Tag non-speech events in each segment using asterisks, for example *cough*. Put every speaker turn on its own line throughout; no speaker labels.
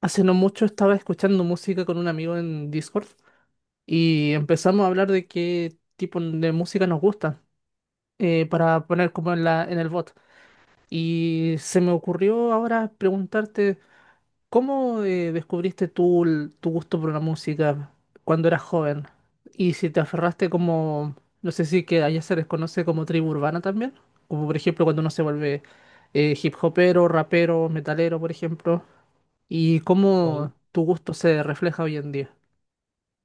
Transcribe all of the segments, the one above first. Hace no mucho estaba escuchando música con un amigo en Discord y empezamos a hablar de qué tipo de música nos gusta para poner como en en el bot. Y se me ocurrió ahora preguntarte, ¿cómo descubriste tú tu gusto por la música cuando eras joven? Y si te aferraste como, no sé si que allá se les conoce como tribu urbana también, como por ejemplo cuando uno se vuelve hip hopero, rapero, metalero, por ejemplo. ¿Y
Ahí.
cómo tu gusto se refleja hoy en día?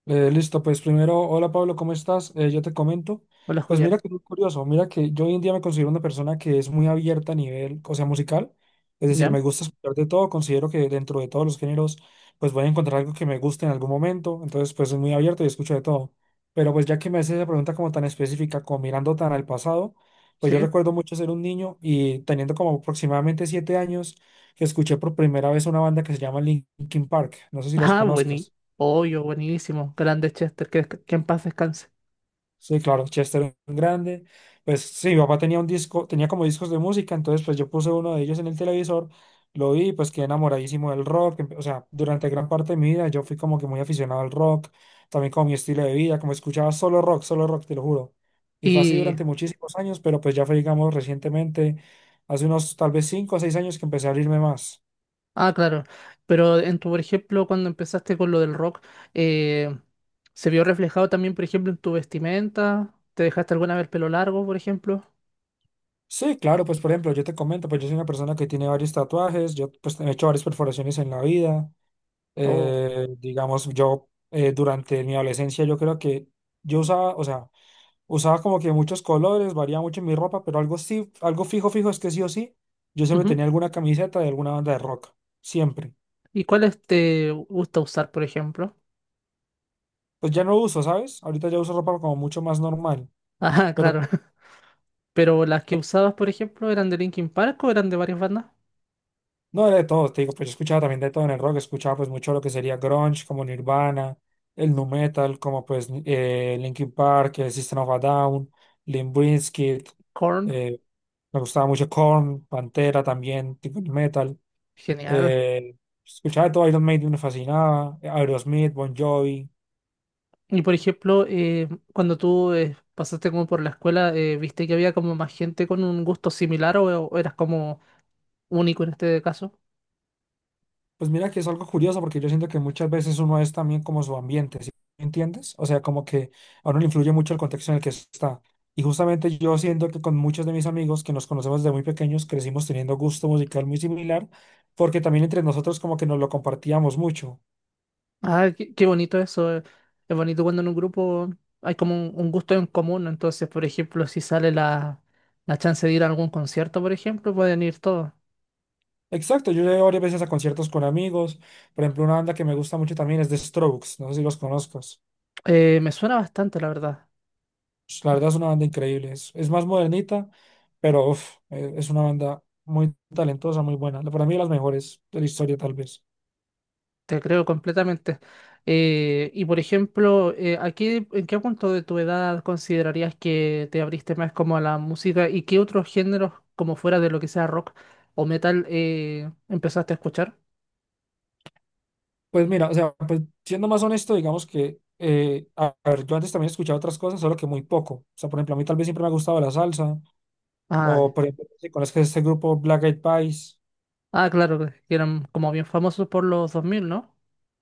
Listo, pues primero, hola Pablo, ¿cómo estás? Yo te comento.
Hola,
Pues mira
Julián.
que es muy curioso, mira que yo hoy en día me considero una persona que es muy abierta a nivel, o sea, musical. Es decir,
¿Ya?
me gusta escuchar de todo, considero que dentro de todos los géneros, pues voy a encontrar algo que me guste en algún momento. Entonces, pues soy muy abierto y escucho de todo. Pero pues ya que me haces esa pregunta como tan específica, como mirando tan al pasado, pues yo
¿Sí?
recuerdo mucho ser un niño y teniendo como aproximadamente 7 años, que escuché por primera vez una banda que se llama Linkin Park. No sé
*laughs*
si los
Ah, buenísimo.
conozcas.
Obvio, buenísimo. Grande Chester, que en paz descanse.
Sí, claro, Chester era un grande. Pues sí, mi papá tenía un disco, tenía como discos de música, entonces pues yo puse uno de ellos en el televisor, lo vi, y pues quedé enamoradísimo del rock. O sea, durante gran parte de mi vida yo fui como que muy aficionado al rock, también como mi estilo de vida, como escuchaba solo rock, te lo juro. Y fue así
Y,
durante muchísimos años, pero pues ya fue, digamos, recientemente, hace unos tal vez 5 o 6 años que empecé a abrirme más.
ah, claro. Pero en por ejemplo, cuando empezaste con lo del rock, eh, ¿se vio reflejado también, por ejemplo, en tu vestimenta? ¿Te dejaste alguna vez el pelo largo, por ejemplo?
Sí, claro, pues por ejemplo, yo te comento, pues yo soy una persona que tiene varios tatuajes, yo pues he hecho varias perforaciones en la vida.
O,
Digamos, yo durante mi adolescencia yo creo que yo usaba, o sea, usaba como que muchos colores, variaba mucho mi ropa, pero algo sí, algo fijo, fijo es que sí o sí, yo siempre
ujú.
tenía alguna camiseta de alguna banda de rock, siempre.
¿Y cuáles te gusta usar, por ejemplo?
Pues ya no uso, ¿sabes? Ahorita ya uso ropa como mucho más normal,
Ah, *laughs*
pero
claro. Pero las que usabas, por ejemplo, ¿eran de Linkin Park o eran de varias bandas?
no, de todo, te digo, pues yo escuchaba también de todo en el rock, escuchaba pues mucho lo que sería grunge, como Nirvana, el nu metal, como pues Linkin Park, System of a Down, Limp Bizkit,
Korn.
eh, me gustaba mucho Korn, Pantera también, tipo nu metal,
Genial.
eh, escuchaba de todo, Iron Maiden me fascinaba, Aerosmith, Bon Jovi.
Y por ejemplo, cuando tú pasaste como por la escuela, ¿viste que había como más gente con un gusto similar o eras como único en este caso?
Pues mira que es algo curioso porque yo siento que muchas veces uno es también como su ambiente, ¿sí me entiendes? O sea, como que a uno le influye mucho el contexto en el que está. Y justamente yo siento que con muchos de mis amigos que nos conocemos desde muy pequeños crecimos teniendo gusto musical muy similar porque también entre nosotros como que nos lo compartíamos mucho.
Ah, qué bonito eso. Es bonito cuando en un grupo hay como un gusto en común. Entonces, por ejemplo, si sale la chance de ir a algún concierto, por ejemplo, pueden ir todos.
Exacto, yo he ido varias veces a conciertos con amigos. Por ejemplo, una banda que me gusta mucho también es The Strokes, no sé si los conozcas.
Me suena bastante, la verdad.
Pues la verdad es una banda increíble. Es más modernita, pero uf, es una banda muy talentosa, muy buena. Para mí, de las mejores de la historia, tal vez.
Te creo completamente. Y por ejemplo, ¿ en qué punto de tu edad considerarías que te abriste más como a la música y qué otros géneros, como fuera de lo que sea rock o metal, empezaste a escuchar?
Pues mira, o sea, pues siendo más honesto, digamos que, a ver, yo antes también escuchaba otras cosas, solo que muy poco. O sea, por ejemplo, a mí tal vez siempre me ha gustado la salsa,
Ah,
o por ejemplo, si conoces este grupo Black Eyed Peas.
ah, claro, que eran como bien famosos por los 2000, ¿no?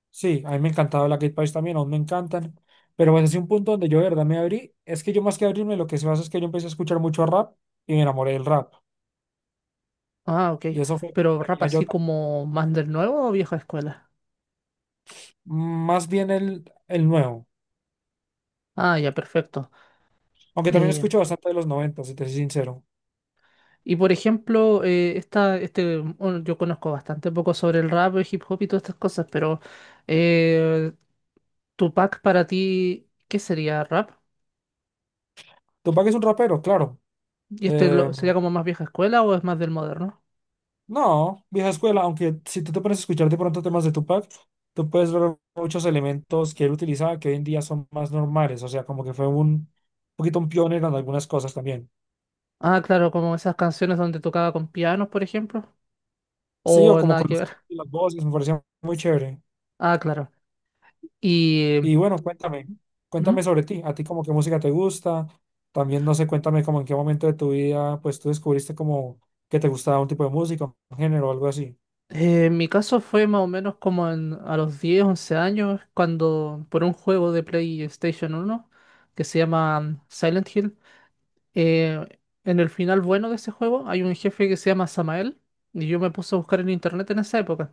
Sí, a mí me encantaba Black Eyed Peas también, aún me encantan. Pero bueno, es un punto donde yo de verdad me abrí. Es que yo más que abrirme, lo que se hace es que yo empecé a escuchar mucho rap y me enamoré del rap.
Ah, ok.
Y eso fue,
Pero rap
tenía
así
yo.
como más del nuevo o vieja escuela.
Más bien el nuevo.
Ah, ya, perfecto.
Aunque también escucho bastante de los 90, si te soy sincero.
Y por ejemplo, bueno, yo conozco bastante poco sobre el rap, el hip hop y todas estas cosas, pero eh, Tupac para ti, ¿qué sería rap?
Tupac es un rapero, claro.
¿Y este
Eh,
lo- sería como más vieja escuela o es más del moderno?
no, vieja escuela, aunque si tú te pones a escuchar de pronto temas de Tupac, tú puedes ver muchos elementos que él utilizaba que hoy en día son más normales. O sea, como que fue un poquito un pionero en algunas cosas también.
Ah, claro, como esas canciones donde tocaba con pianos, por ejemplo.
Sí, o
O
como
nada
con
que ver. *laughs*
las voces, me parecía muy chévere.
Ah, claro. ¿Y?
Y bueno, cuéntame, cuéntame
¿Mm?
sobre ti, a ti como qué música te gusta, también no sé, cuéntame como en qué momento de tu vida pues tú descubriste como que te gustaba un tipo de música, un género o algo así.
En mi caso fue más o menos a los 10 u 11 años, cuando por un juego de PlayStation uno que se llama Silent Hill. Eh, en el final bueno de ese juego hay un jefe que se llama Samael y yo me puse a buscar en internet en esa época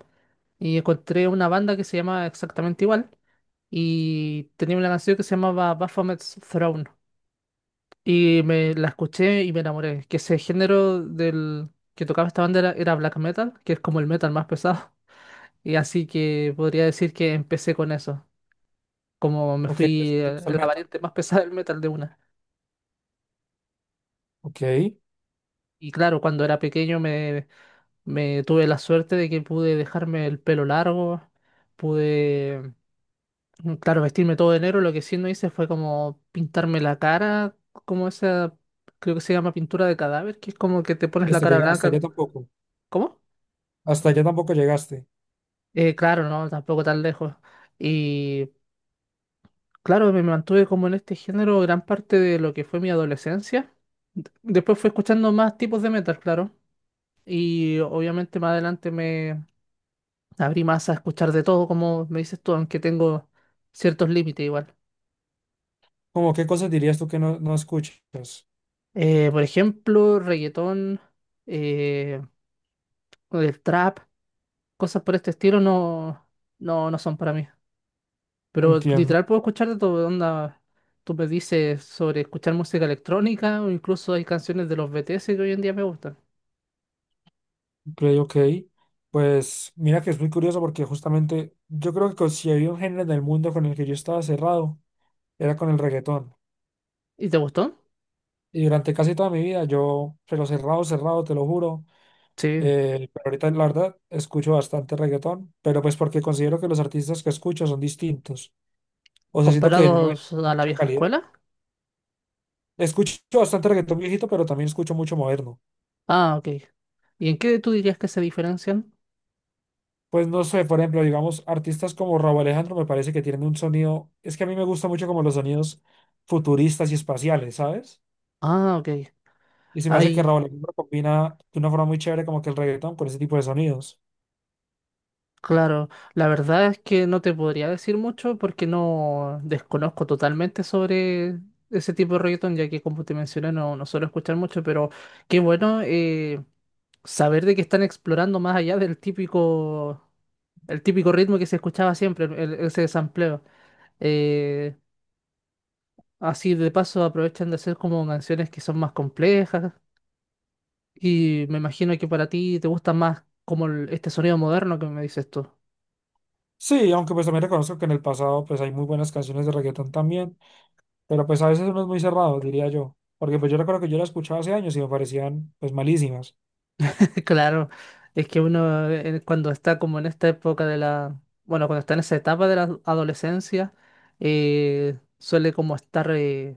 y encontré una banda que se llama exactamente igual y tenía una canción que se llamaba Baphomet's Throne y me la escuché y me enamoré, que ese género del que tocaba esta banda era black metal, que es como el metal más pesado. *laughs* Y así que podría decir que empecé con eso, como me
Ok,
fui
entonces, ¿te gusta el
en la
metal?
variante más pesada del metal de una.
Ok, sí,
Y claro, cuando era pequeño me tuve la suerte de que pude dejarme el pelo largo, pude, claro, vestirme todo de negro. Lo que sí no hice fue como pintarme la cara, como esa, creo que se llama pintura de cadáver, que es como que te pones la
hasta
cara
llega,
blanca. ¿Cómo?
hasta allá tampoco llegaste.
Claro, no, tampoco tan lejos. Y claro, me mantuve como en este género gran parte de lo que fue mi adolescencia. Después fui escuchando más tipos de metal, claro. Y obviamente más adelante me abrí más a escuchar de todo, como me dices tú, aunque tengo ciertos límites igual.
¿Como qué cosas dirías tú que no, no escuchas?
Por ejemplo, reggaetón, eh, el trap, cosas por este estilo no son para mí. Pero
Entiendo,
literal puedo escuchar de todo, onda. Tú me dices sobre escuchar música electrónica o incluso hay canciones de los BTS que hoy en día me gustan.
ok, ok. Pues mira que es muy curioso porque justamente yo creo que si había un género en el mundo con el que yo estaba cerrado, era con el reggaetón.
¿Y te gustó?
Y durante casi toda mi vida yo, pero cerrado, cerrado, te lo juro.
Sí.
Pero ahorita la verdad escucho bastante reggaetón, pero pues porque considero que los artistas que escucho son distintos. O sea, siento que genuinamente
¿Comparados
tienen
a la
mucha
vieja
calidad.
escuela?
Escucho bastante reggaetón viejito, pero también escucho mucho moderno.
Ah, ok. ¿Y en qué tú dirías que se diferencian?
Pues no sé, por ejemplo, digamos, artistas como Raúl Alejandro me parece que tienen un sonido, es que a mí me gusta mucho como los sonidos futuristas y espaciales, ¿sabes?
Ah, ok.
Y se me hace que
Hay,
Raúl Alejandro combina de una forma muy chévere como que el reggaetón con ese tipo de sonidos.
claro, la verdad es que no te podría decir mucho porque no desconozco totalmente sobre ese tipo de reggaetón, ya que como te mencioné no suelo escuchar mucho, pero qué bueno saber de que están explorando más allá del típico, el típico ritmo que se escuchaba siempre, ese sampleo. Eh, Así de paso aprovechan de hacer como canciones que son más complejas y me imagino que para ti te gusta más como este sonido moderno que me dices tú.
Sí, aunque pues también reconozco que en el pasado pues hay muy buenas canciones de reggaetón también, pero pues a veces uno es muy cerrado, diría yo, porque pues yo recuerdo que yo la escuchaba hace años y me parecían pues malísimas.
*laughs* Claro, es que uno cuando está como en esta época de bueno, cuando está en esa etapa de la adolescencia, suele como estar,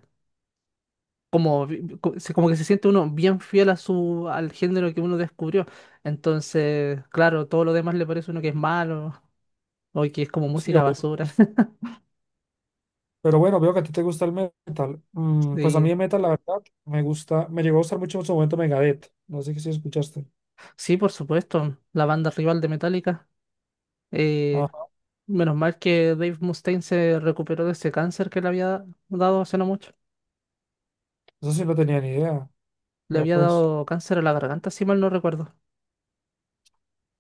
como, vi- vi- co- se- como que se siente uno bien fiel a al género que uno descubrió. Entonces, claro, todo lo demás le parece a uno que es malo o que es como
Sí,
música
obvio.
basura. *laughs*
Pero bueno, veo que a ti te gusta el metal. Pues a
Sí,
mí el metal, la verdad, me gusta, me llegó a gustar mucho en su momento Megadeth. No sé si escuchaste.
sí, por supuesto, la banda rival de Metallica. Eh,
Ah,
Menos mal que Dave Mustaine se recuperó de ese cáncer que le había dado hace no mucho.
eso sí no tenía ni idea.
Le
Vea
había
pues,
dado cáncer a la garganta, si mal no recuerdo.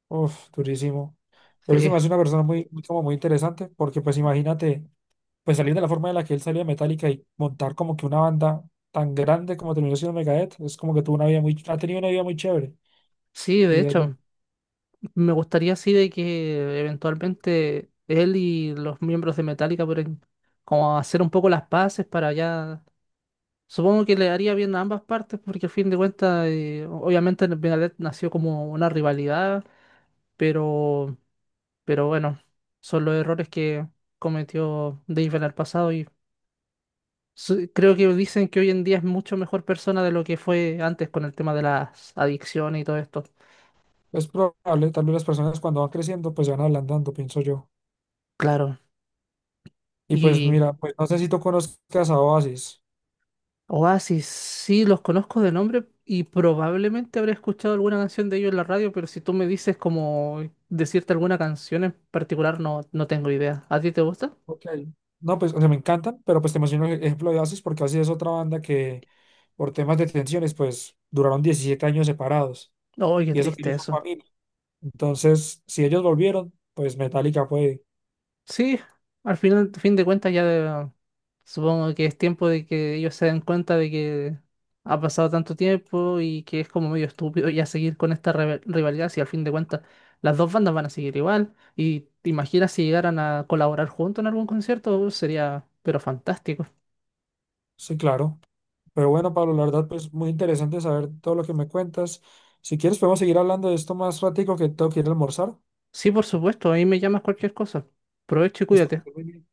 uf, durísimo. Pero él se
Sí,
me hace una persona muy, muy como muy interesante, porque pues imagínate. Pues salir de la forma en la que él salió de Metallica y montar como que una banda tan grande como terminó siendo Megadeth, es como que tuvo una vida muy, ha tenido una vida muy chévere,
sí, de
diría yo.
hecho, me gustaría así de que eventualmente él y los miembros de Metallica puedan como hacer un poco las paces para ya... Supongo que le haría bien a ambas partes porque al fin de cuentas, obviamente Megadeth nació como una rivalidad, pero, pero bueno, son los errores que cometió Dave en el pasado y creo que dicen que hoy en día es mucho mejor persona de lo que fue antes con el tema de las adicciones y todo esto.
Es probable, tal vez las personas cuando van creciendo pues se van ablandando, pienso yo.
Claro.
Y pues
Y
mira, pues no sé si tú conozcas a Oasis.
Oasis, sí, los conozco de nombre y probablemente habré escuchado alguna canción de ellos en la radio, pero si tú me dices como decirte alguna canción en particular, no, no tengo idea. ¿A ti te gusta?
Ok. No, pues o sea, me encantan, pero pues te menciono el ejemplo de Oasis porque Oasis es otra banda que por temas de tensiones pues duraron 17 años separados.
Oye, qué
Y eso que
triste
ellos son
eso.
familia. Entonces, si ellos volvieron, pues Metallica fue,
Sí, al final, fin de cuentas ya supongo que es tiempo de que ellos se den cuenta de que ha pasado tanto tiempo y que es como medio estúpido ya seguir con esta rivalidad si al fin de cuentas las dos bandas van a seguir igual. Y te imaginas si llegaran a colaborar juntos en algún concierto, sería pero fantástico.
sí, claro. Pero bueno, Pablo, la verdad, pues muy interesante saber todo lo que me cuentas. Si quieres, podemos seguir hablando de esto más ratico que tengo que ir a almorzar.
Sí, por supuesto, ahí me llamas cualquier cosa. Provecho y
Está
cuídate.
muy bien.